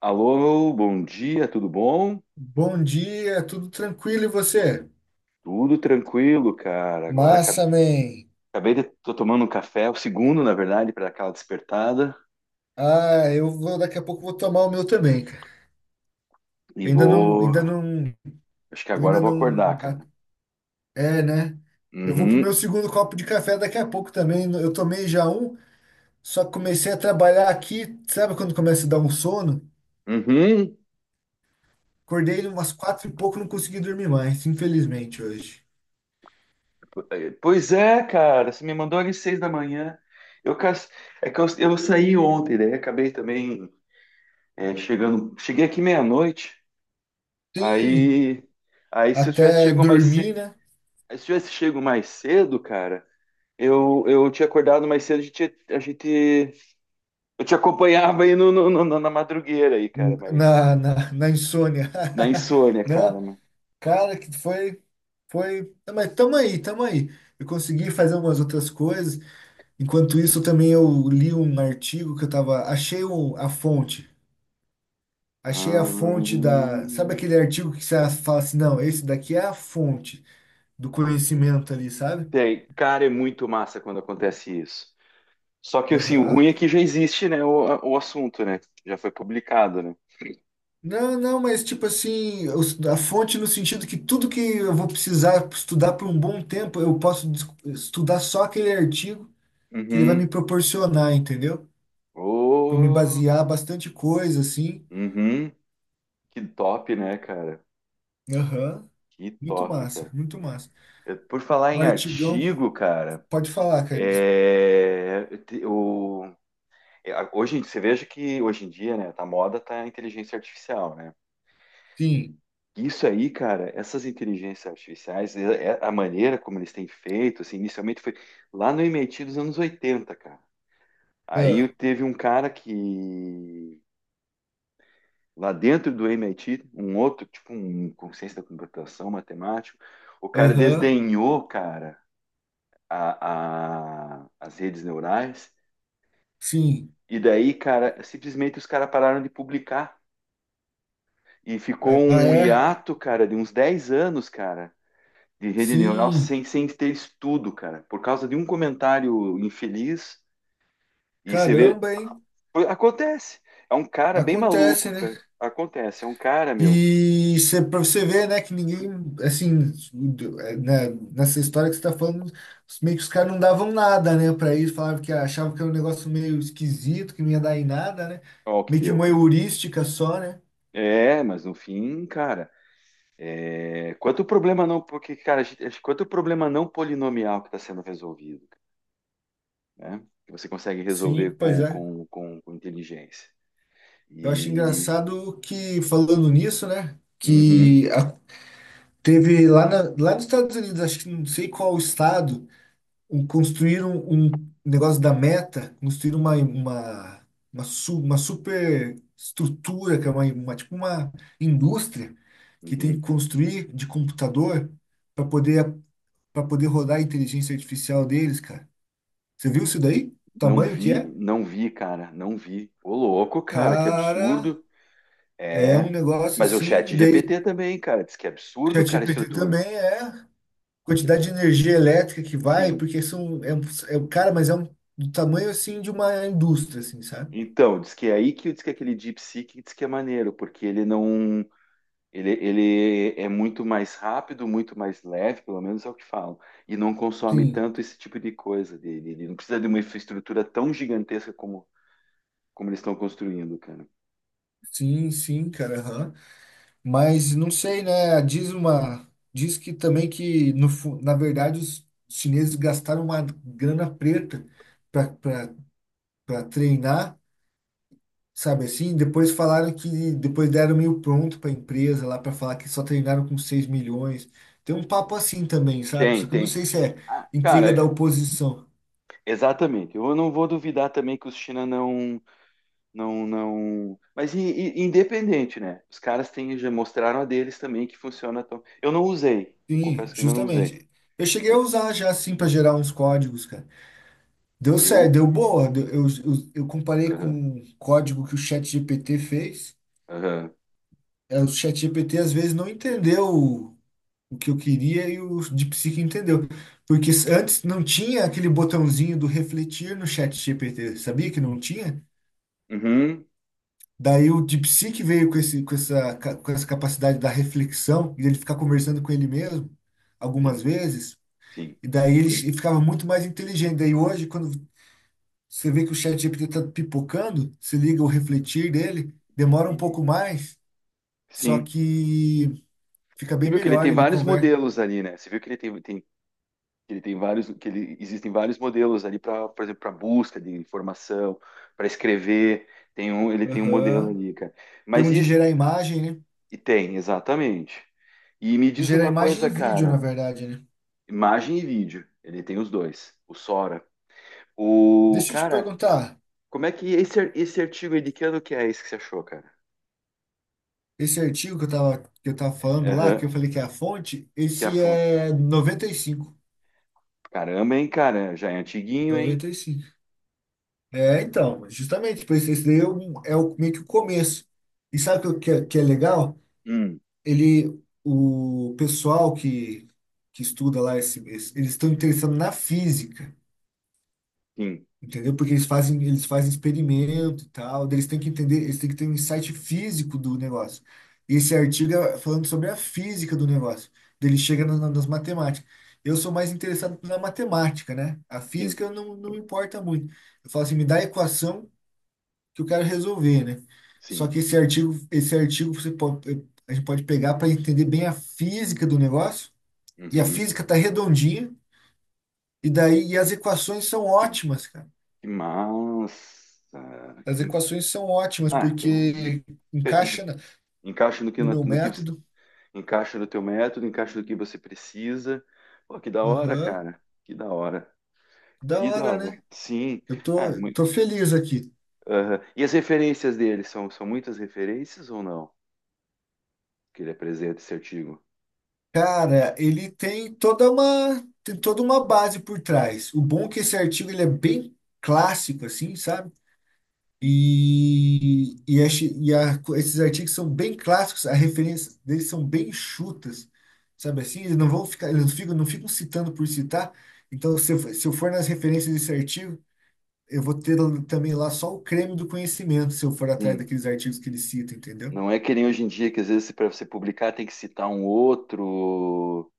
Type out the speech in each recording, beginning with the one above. Alô, bom dia, tudo bom? Bom dia, tudo tranquilo e você? Tudo tranquilo, cara. Agora Massa, man. acabei de tô tomando um café, o segundo, na verdade, para aquela despertada Ah, eu vou, daqui a pouco vou tomar o meu também, cara. e Ainda não, acho que eu agora ainda eu vou acordar, não, cara. é, né? Eu vou pro meu Uhum. segundo copo de café daqui a pouco também. Eu tomei já um, só que comecei a trabalhar aqui, sabe quando começa a dar um sono? Uhum. Acordei umas quatro e pouco, não consegui dormir mais, infelizmente hoje. Pois é, cara, você me mandou às 6 da manhã. Eu cas- é que eu saí ontem, daí acabei também é, chegando, cheguei aqui meia-noite. Sim, Aí, aí se eu tivesse até chego mais cedo, dormir, né? se eu tivesse chego mais cedo, cara, eu tinha acordado mais cedo, eu te acompanhava aí na madrugueira aí, cara, mas Na insônia. na insônia, cara, Não? né? Cara, que foi, foi, ah, mas tamo aí, tamo aí. Eu consegui fazer umas outras coisas. Enquanto isso, também eu li um artigo que eu tava, achei a fonte, achei Ah, a fonte da, sabe aquele artigo que você fala assim, não, esse daqui é a fonte do conhecimento ali, sabe? Cara, é muito massa quando acontece isso. Só que assim, o Aham. ruim é que já existe, né, o assunto, né? Já foi publicado, né? Não, não, mas tipo assim, a fonte no sentido que tudo que eu vou precisar estudar por um bom tempo, eu posso des- estudar só aquele artigo que ele vai me Uhum. proporcionar, entendeu? Para me Oh, basear bastante coisa, assim. uhum. Que top, né, cara? Aham. Que Muito top, massa, cara. muito massa. Por falar Um em artigão, artigo, cara, pode falar, cara. é, eu te- o É, hoje, você veja que hoje em dia, né, tá moda tá a inteligência artificial, né? Sim. Isso aí, cara, essas inteligências artificiais, é a maneira como eles têm feito, assim, inicialmente foi lá no MIT dos anos 80, cara. Aí Ah. teve um cara que, lá dentro do MIT, um outro, tipo um consciência da computação, matemático, o cara Aham. desdenhou, cara, as redes neurais, Sim. e daí, cara, simplesmente os caras pararam de publicar. E ficou Ah, um é? hiato, cara, de uns 10 anos, cara, de rede neural Sim. Sem ter estudo, cara, por causa de um comentário infeliz. E você vê. Caramba, hein? Pô, acontece. É um cara bem Acontece, maluco. né? Acontece. É um cara, meu. E cê, pra você ver, né, que ninguém, assim, é, né, nessa história que você tá falando, meio que os caras não davam nada, né, pra isso, falavam que achavam que era um negócio meio esquisito, que não ia dar em nada, né? Ó, o que Meio que deu, uma cara. heurística só, né? É, mas no fim, cara. É, quanto problema não. Porque, cara, acho que quanto problema não polinomial que está sendo resolvido, né? Que você consegue Sim, resolver pois é. Com inteligência. Eu acho E. engraçado que, falando nisso, né, Uhum, teve lá, lá nos Estados Unidos, acho que não sei qual estado, construíram um negócio da Meta, construíram uma super estrutura, que é tipo uma indústria que tem que uhum. construir de computador para poder, para poder rodar a inteligência artificial deles, cara. Você viu isso daí? O Não tamanho que vi, é? não vi, cara, não vi. Ô, louco, cara, que Cara, absurdo. é um É, negócio mas é o assim, e chat daí GPT também, cara, diz que é absurdo, cara, a ChatGPT estrutura. também é. Que Quantidade de abs- energia elétrica que vai, Sim. porque são, cara, mas é um, do tamanho, assim, de uma indústria, assim, sabe? Então, diz que é aí que diz que é aquele DeepSeek diz que é maneiro, porque ele não, ele é muito mais rápido, muito mais leve, pelo menos é o que falam, e não consome Sim, tanto esse tipo de coisa dele. Ele não precisa de uma infraestrutura tão gigantesca como, como eles estão construindo, cara. sim, sim, cara, aham. Mas não sei, né? Diz uma, diz que também que no, fu- na verdade os chineses gastaram uma grana preta para treinar, sabe assim? Depois falaram que depois deram meio pronto para a empresa lá para falar que só treinaram com 6 milhões. Tem um papo assim também, sabe? Tem, Só que eu não tem. sei se é Ah, cara, intriga da é, oposição. exatamente. Eu não vou duvidar também que os China não, não. Mas independente, né? Os caras têm, já mostraram a deles também que funciona tão. Eu não usei. Eu Sim, confesso que ainda não usei. justamente. Eu cheguei a Mas usar já assim para gerar uns códigos, cara. Deu certo, eu. deu boa. Eu comparei com Aham, um código que o ChatGPT fez. aham. É, o ChatGPT às vezes não entendeu o que eu queria e o DeepSeek entendeu. Porque antes não tinha aquele botãozinho do refletir no ChatGPT, sabia que não tinha? Uhum, Daí o DeepSeek veio com esse, com essa, ca- com essa capacidade da reflexão e ele ficar conversando com ele mesmo algumas sim, vezes. sim. E daí ele ficava muito mais inteligente. Daí hoje, quando você vê que o Chat GPT está pipocando, você liga o refletir dele, demora um Uhum, pouco mais, só sim. que fica Você bem viu que ele melhor, tem ele vários conversa. modelos ali, né? Você viu que ele que ele tem vários, que ele, existem vários modelos ali para, por exemplo, para busca de informação, para escrever. Ele tem um modelo Aham. ali, cara. Tem um Mas de e, gerar imagem, né? E tem, exatamente. E me diz Gerar uma imagem coisa, e vídeo, na cara, verdade, né? imagem e vídeo, ele tem os dois, o Sora. O Deixa eu te cara, perguntar, como é que esse, esse artigo aí de que ano que é esse que você achou, cara? esse artigo que eu tava falando lá, que eu Aham, falei que é a fonte, que é a esse fonte. é 95. Caramba, hein, cara, já é antiguinho, hein? 95. É, então, justamente, por isso, esse daí é o, meio que o começo. E sabe o que, que é legal? Hum, Ele, o pessoal que estuda lá, eles estão interessados na física, sim, entendeu? Porque eles fazem experimento e tal, daí eles têm que entender, eles têm que ter um insight físico do negócio. E esse artigo é falando sobre a física do negócio, daí ele chega nas matemáticas. Eu sou mais interessado na matemática, né? A sim, física não, não me importa muito. Eu falo assim, me dá a equação que eu quero resolver, né? Só sim. que esse artigo você pode, a gente pode pegar para entender bem a física do negócio, e a Uhum. física está redondinha, e daí as equações são Que, ótimas, cara. que massa. As equações são ótimas, Ah, então porque isso, encaixa encaixa no meu no que método. encaixa no teu método, encaixa no que você precisa. Pô, que da hora, Aham. cara. Que da hora. Da Que da hora, hora. né? Sim. Eu Ah, tô, muito, tô feliz aqui. e as referências dele são, são muitas referências ou não? Que ele apresenta esse artigo. Cara, ele tem toda uma base por trás. O bom é que esse artigo ele é bem clássico, assim, sabe? Esses artigos são bem clássicos, a referência deles são bem chutas, sabe assim? Eles não vão ficar, eles não ficam citando por citar. Então, se eu for nas referências desse artigo, eu vou ter também lá só o creme do conhecimento, se eu for atrás Sim. daqueles artigos que eles citam, entendeu? Não é que nem hoje em dia, que às vezes para você publicar tem que citar um outro.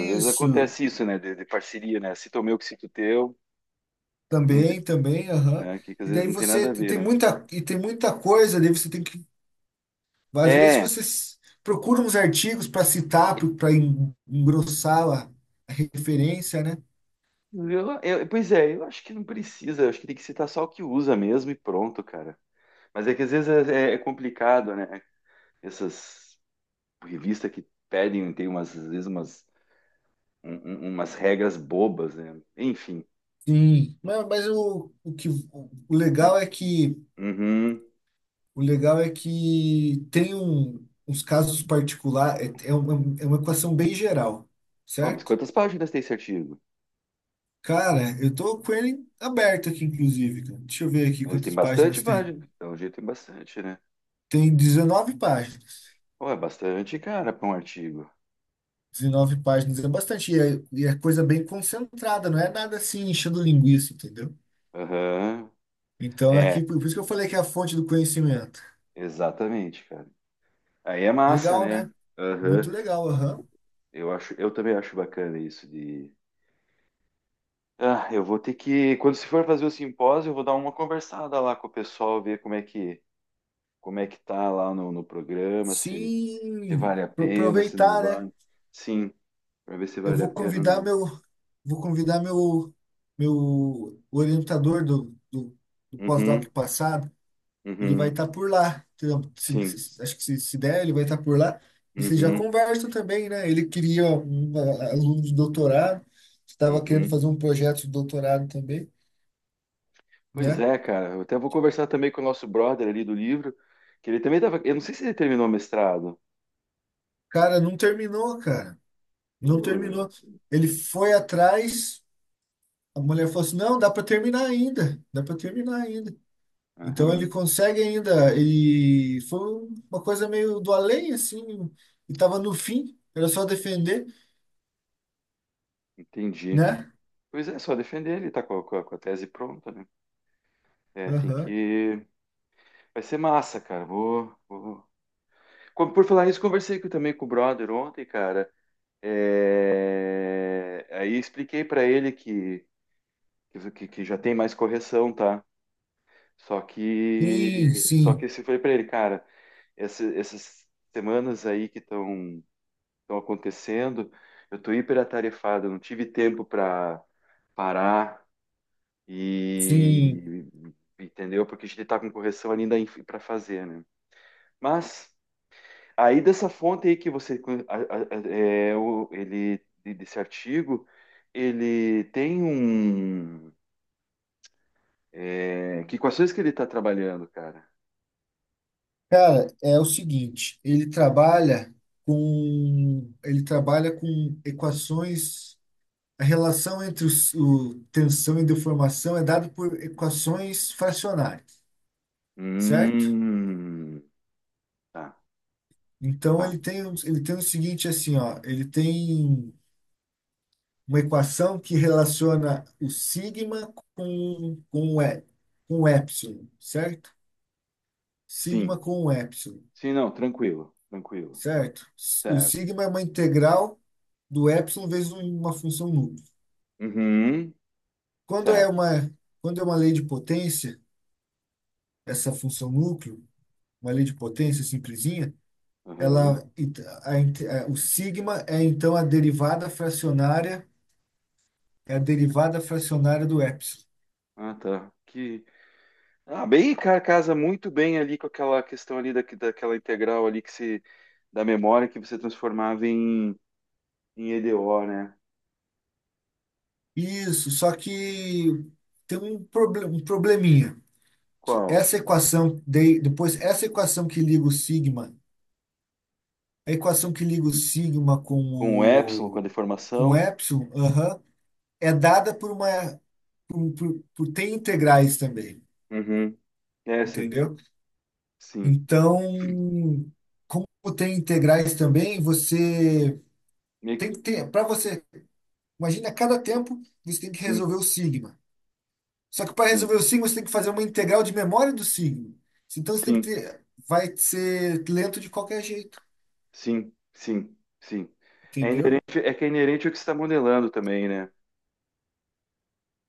Às vezes acontece isso, né? De parceria, né? Cita o meu que cito o teu, que, não tem- também, também, aham. né? Que às E vezes daí não tem nada você a ver, tem né? muita, e tem muita coisa, daí você tem que, às vezes É. você procura uns artigos para citar, para engrossar a referência, né? Pois é, eu acho que não precisa. Eu acho que tem que citar só o que usa mesmo e pronto, cara. Mas é que às vezes é complicado, né? Essas revista que pedem, tem umas, às vezes umas, um- umas regras bobas, né? Enfim. Sim. Mas o que o legal é que Uhum. Tem uns casos particulares, é uma equação bem geral, Ó, mas certo? quantas páginas tem esse artigo? Cara, eu tô com ele aberto aqui, inclusive, cara. Deixa eu ver aqui Mas tem quantas bastante páginas tem. página. Então, jeito tem bastante, né? Tem 19 páginas. Pô, é bastante, cara, para um artigo. 19 páginas é bastante, e é coisa bem concentrada, não é nada assim enchendo linguiça, entendeu? Aham. Então, É, aqui, por isso que eu falei que é a fonte do conhecimento. exatamente, cara. Aí é massa, Legal, né? né? Aham. Muito legal, aham. Eu também acho bacana isso de. Ah, eu vou ter que, quando se for fazer o simpósio, eu vou dar uma conversada lá com o pessoal, ver como é que tá lá no programa, se se Sim, vale a pena, se não aproveitar, né? vale. Sim, para ver se Eu vale a vou pena ou convidar não. meu, vou convidar meu, meu orientador do pós-doc Uhum, passado. Ele vai uhum, estar por lá, entendeu? Sim, Acho que se der, ele vai estar por lá. E vocês já uhum, conversam também, né? Ele queria um aluno de doutorado, estava querendo uhum. fazer um projeto de doutorado também, Pois né? é, cara. Eu até vou conversar também com o nosso brother ali do livro, que ele também tava. Eu não sei se ele terminou o mestrado. Cara, não terminou, cara. Não Uh, terminou. Ele que- foi atrás, a mulher falou assim: não, dá para terminar ainda, dá para terminar ainda. Então ele Aham, consegue ainda, ele foi uma coisa meio do além, assim, e tava no fim, era só defender, entendi. né? Pois é, só defender ele, tá com a, com a tese pronta, né? É, tem Aham. que. Vai ser massa, cara. Vou, vou... Por falar isso, também com o brother ontem, cara. É, aí expliquei pra ele que já tem mais correção, tá? Sim, Só sim, que se foi para ele, cara, essas semanas aí que estão estão acontecendo, eu tô hiperatarefado, eu não tive tempo para parar sim. e entendeu? Porque a gente tá com correção ainda para fazer, né? Mas aí dessa fonte aí que você ele desse artigo, ele tem um é, que equações que ele está trabalhando, cara? Cara, é o seguinte, ele trabalha com equações, a relação entre o tensão e deformação é dada por equações fracionárias, certo? Hum, tá, Então tá. Ele tem o seguinte assim, ó, ele tem uma equação que relaciona o sigma com o epsilon, certo? Sim, Sigma com o epsilon, sim, não, tranquilo, tranquilo. certo? O Certo. sigma é uma integral do epsilon vezes uma função núcleo. Uhum, Quando é certo. uma, quando é uma lei de potência, essa função núcleo, uma lei de potência simplesinha, Uhum. ela, o sigma é então a derivada fracionária. É a derivada fracionária do epsilon. Ah, tá. Que... Ah, bem, cara, casa muito bem ali com aquela questão ali daquela integral ali que se, da memória que você transformava em, em EDO, né? Isso, só que tem um probleminha. Que Qual? essa equação, de, depois, essa equação que liga o sigma, a equação que liga o sigma Com o epsilon, com a com o deformação. epsilon, aham, é dada por uma. Tem integrais também, Uhum. Essa, entendeu? sim. Então, como tem integrais também, você Meio tem que, que ter. Para você, imagina, a cada tempo você tem que sim, resolver o sigma. Só que para resolver sim, o signo, você tem que fazer uma integral de memória do signo. Então você tem que sim. ter. Vai ser lento de qualquer jeito, Sim, sim, sim. É entendeu? inerente, é que é inerente ao que você está modelando também, né?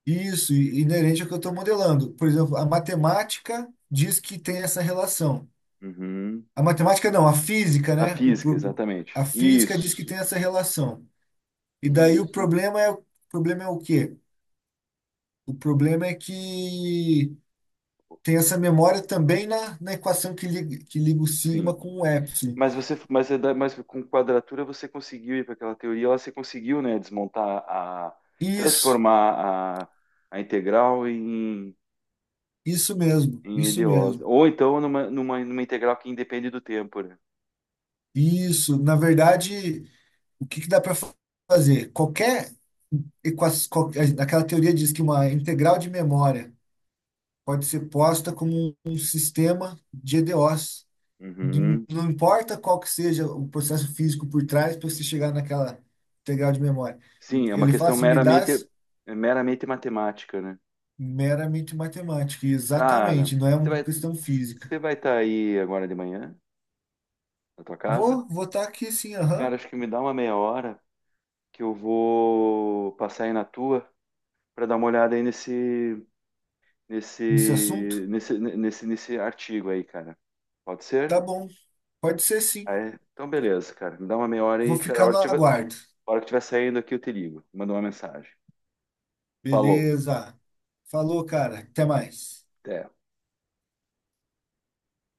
Isso, inerente ao que eu estou modelando. Por exemplo, a matemática diz que tem essa relação. Uhum. A matemática não, a física, A né? Física, exatamente. A física diz que Isso, tem essa relação. E daí o isso, problema é, o problema é o quê? O problema é que tem essa memória também na equação que liga o sigma sim. com o epsilon. Mas você, mas, mas com quadratura você conseguiu ir para aquela teoria, lá você conseguiu, né, desmontar Isso. transformar a integral em, Isso mesmo, em isso EDOs. mesmo. Ou então numa, numa integral que independe do tempo, né? Isso, na verdade, o que que dá para fazer? Equa- Aquela teoria diz que uma integral de memória pode ser posta como um sistema de EDOs. Uhum. Não importa qual que seja o processo físico por trás para você chegar naquela integral de memória. Sim, é uma Ele fala questão assim, me dá meramente, meramente matemática, né? meramente matemática. E Cara, exatamente, não é você uma vai questão física. você vai estar aí agora de manhã na tua casa? Vou votar aqui sim, aham, Cara, acho que me dá uma meia hora que eu vou passar aí na tua para dar uma olhada aí nesse assunto. Nesse artigo aí, cara. Pode Tá ser? bom, pode ser Ah, sim. é? Então beleza, cara. Me dá uma meia hora Vou aí, cara. A ficar hora no que tiver, aguardo. a hora que tiver saindo aqui eu te ligo. Manda uma mensagem. Falou. Beleza. Falou, cara. Até mais. Até.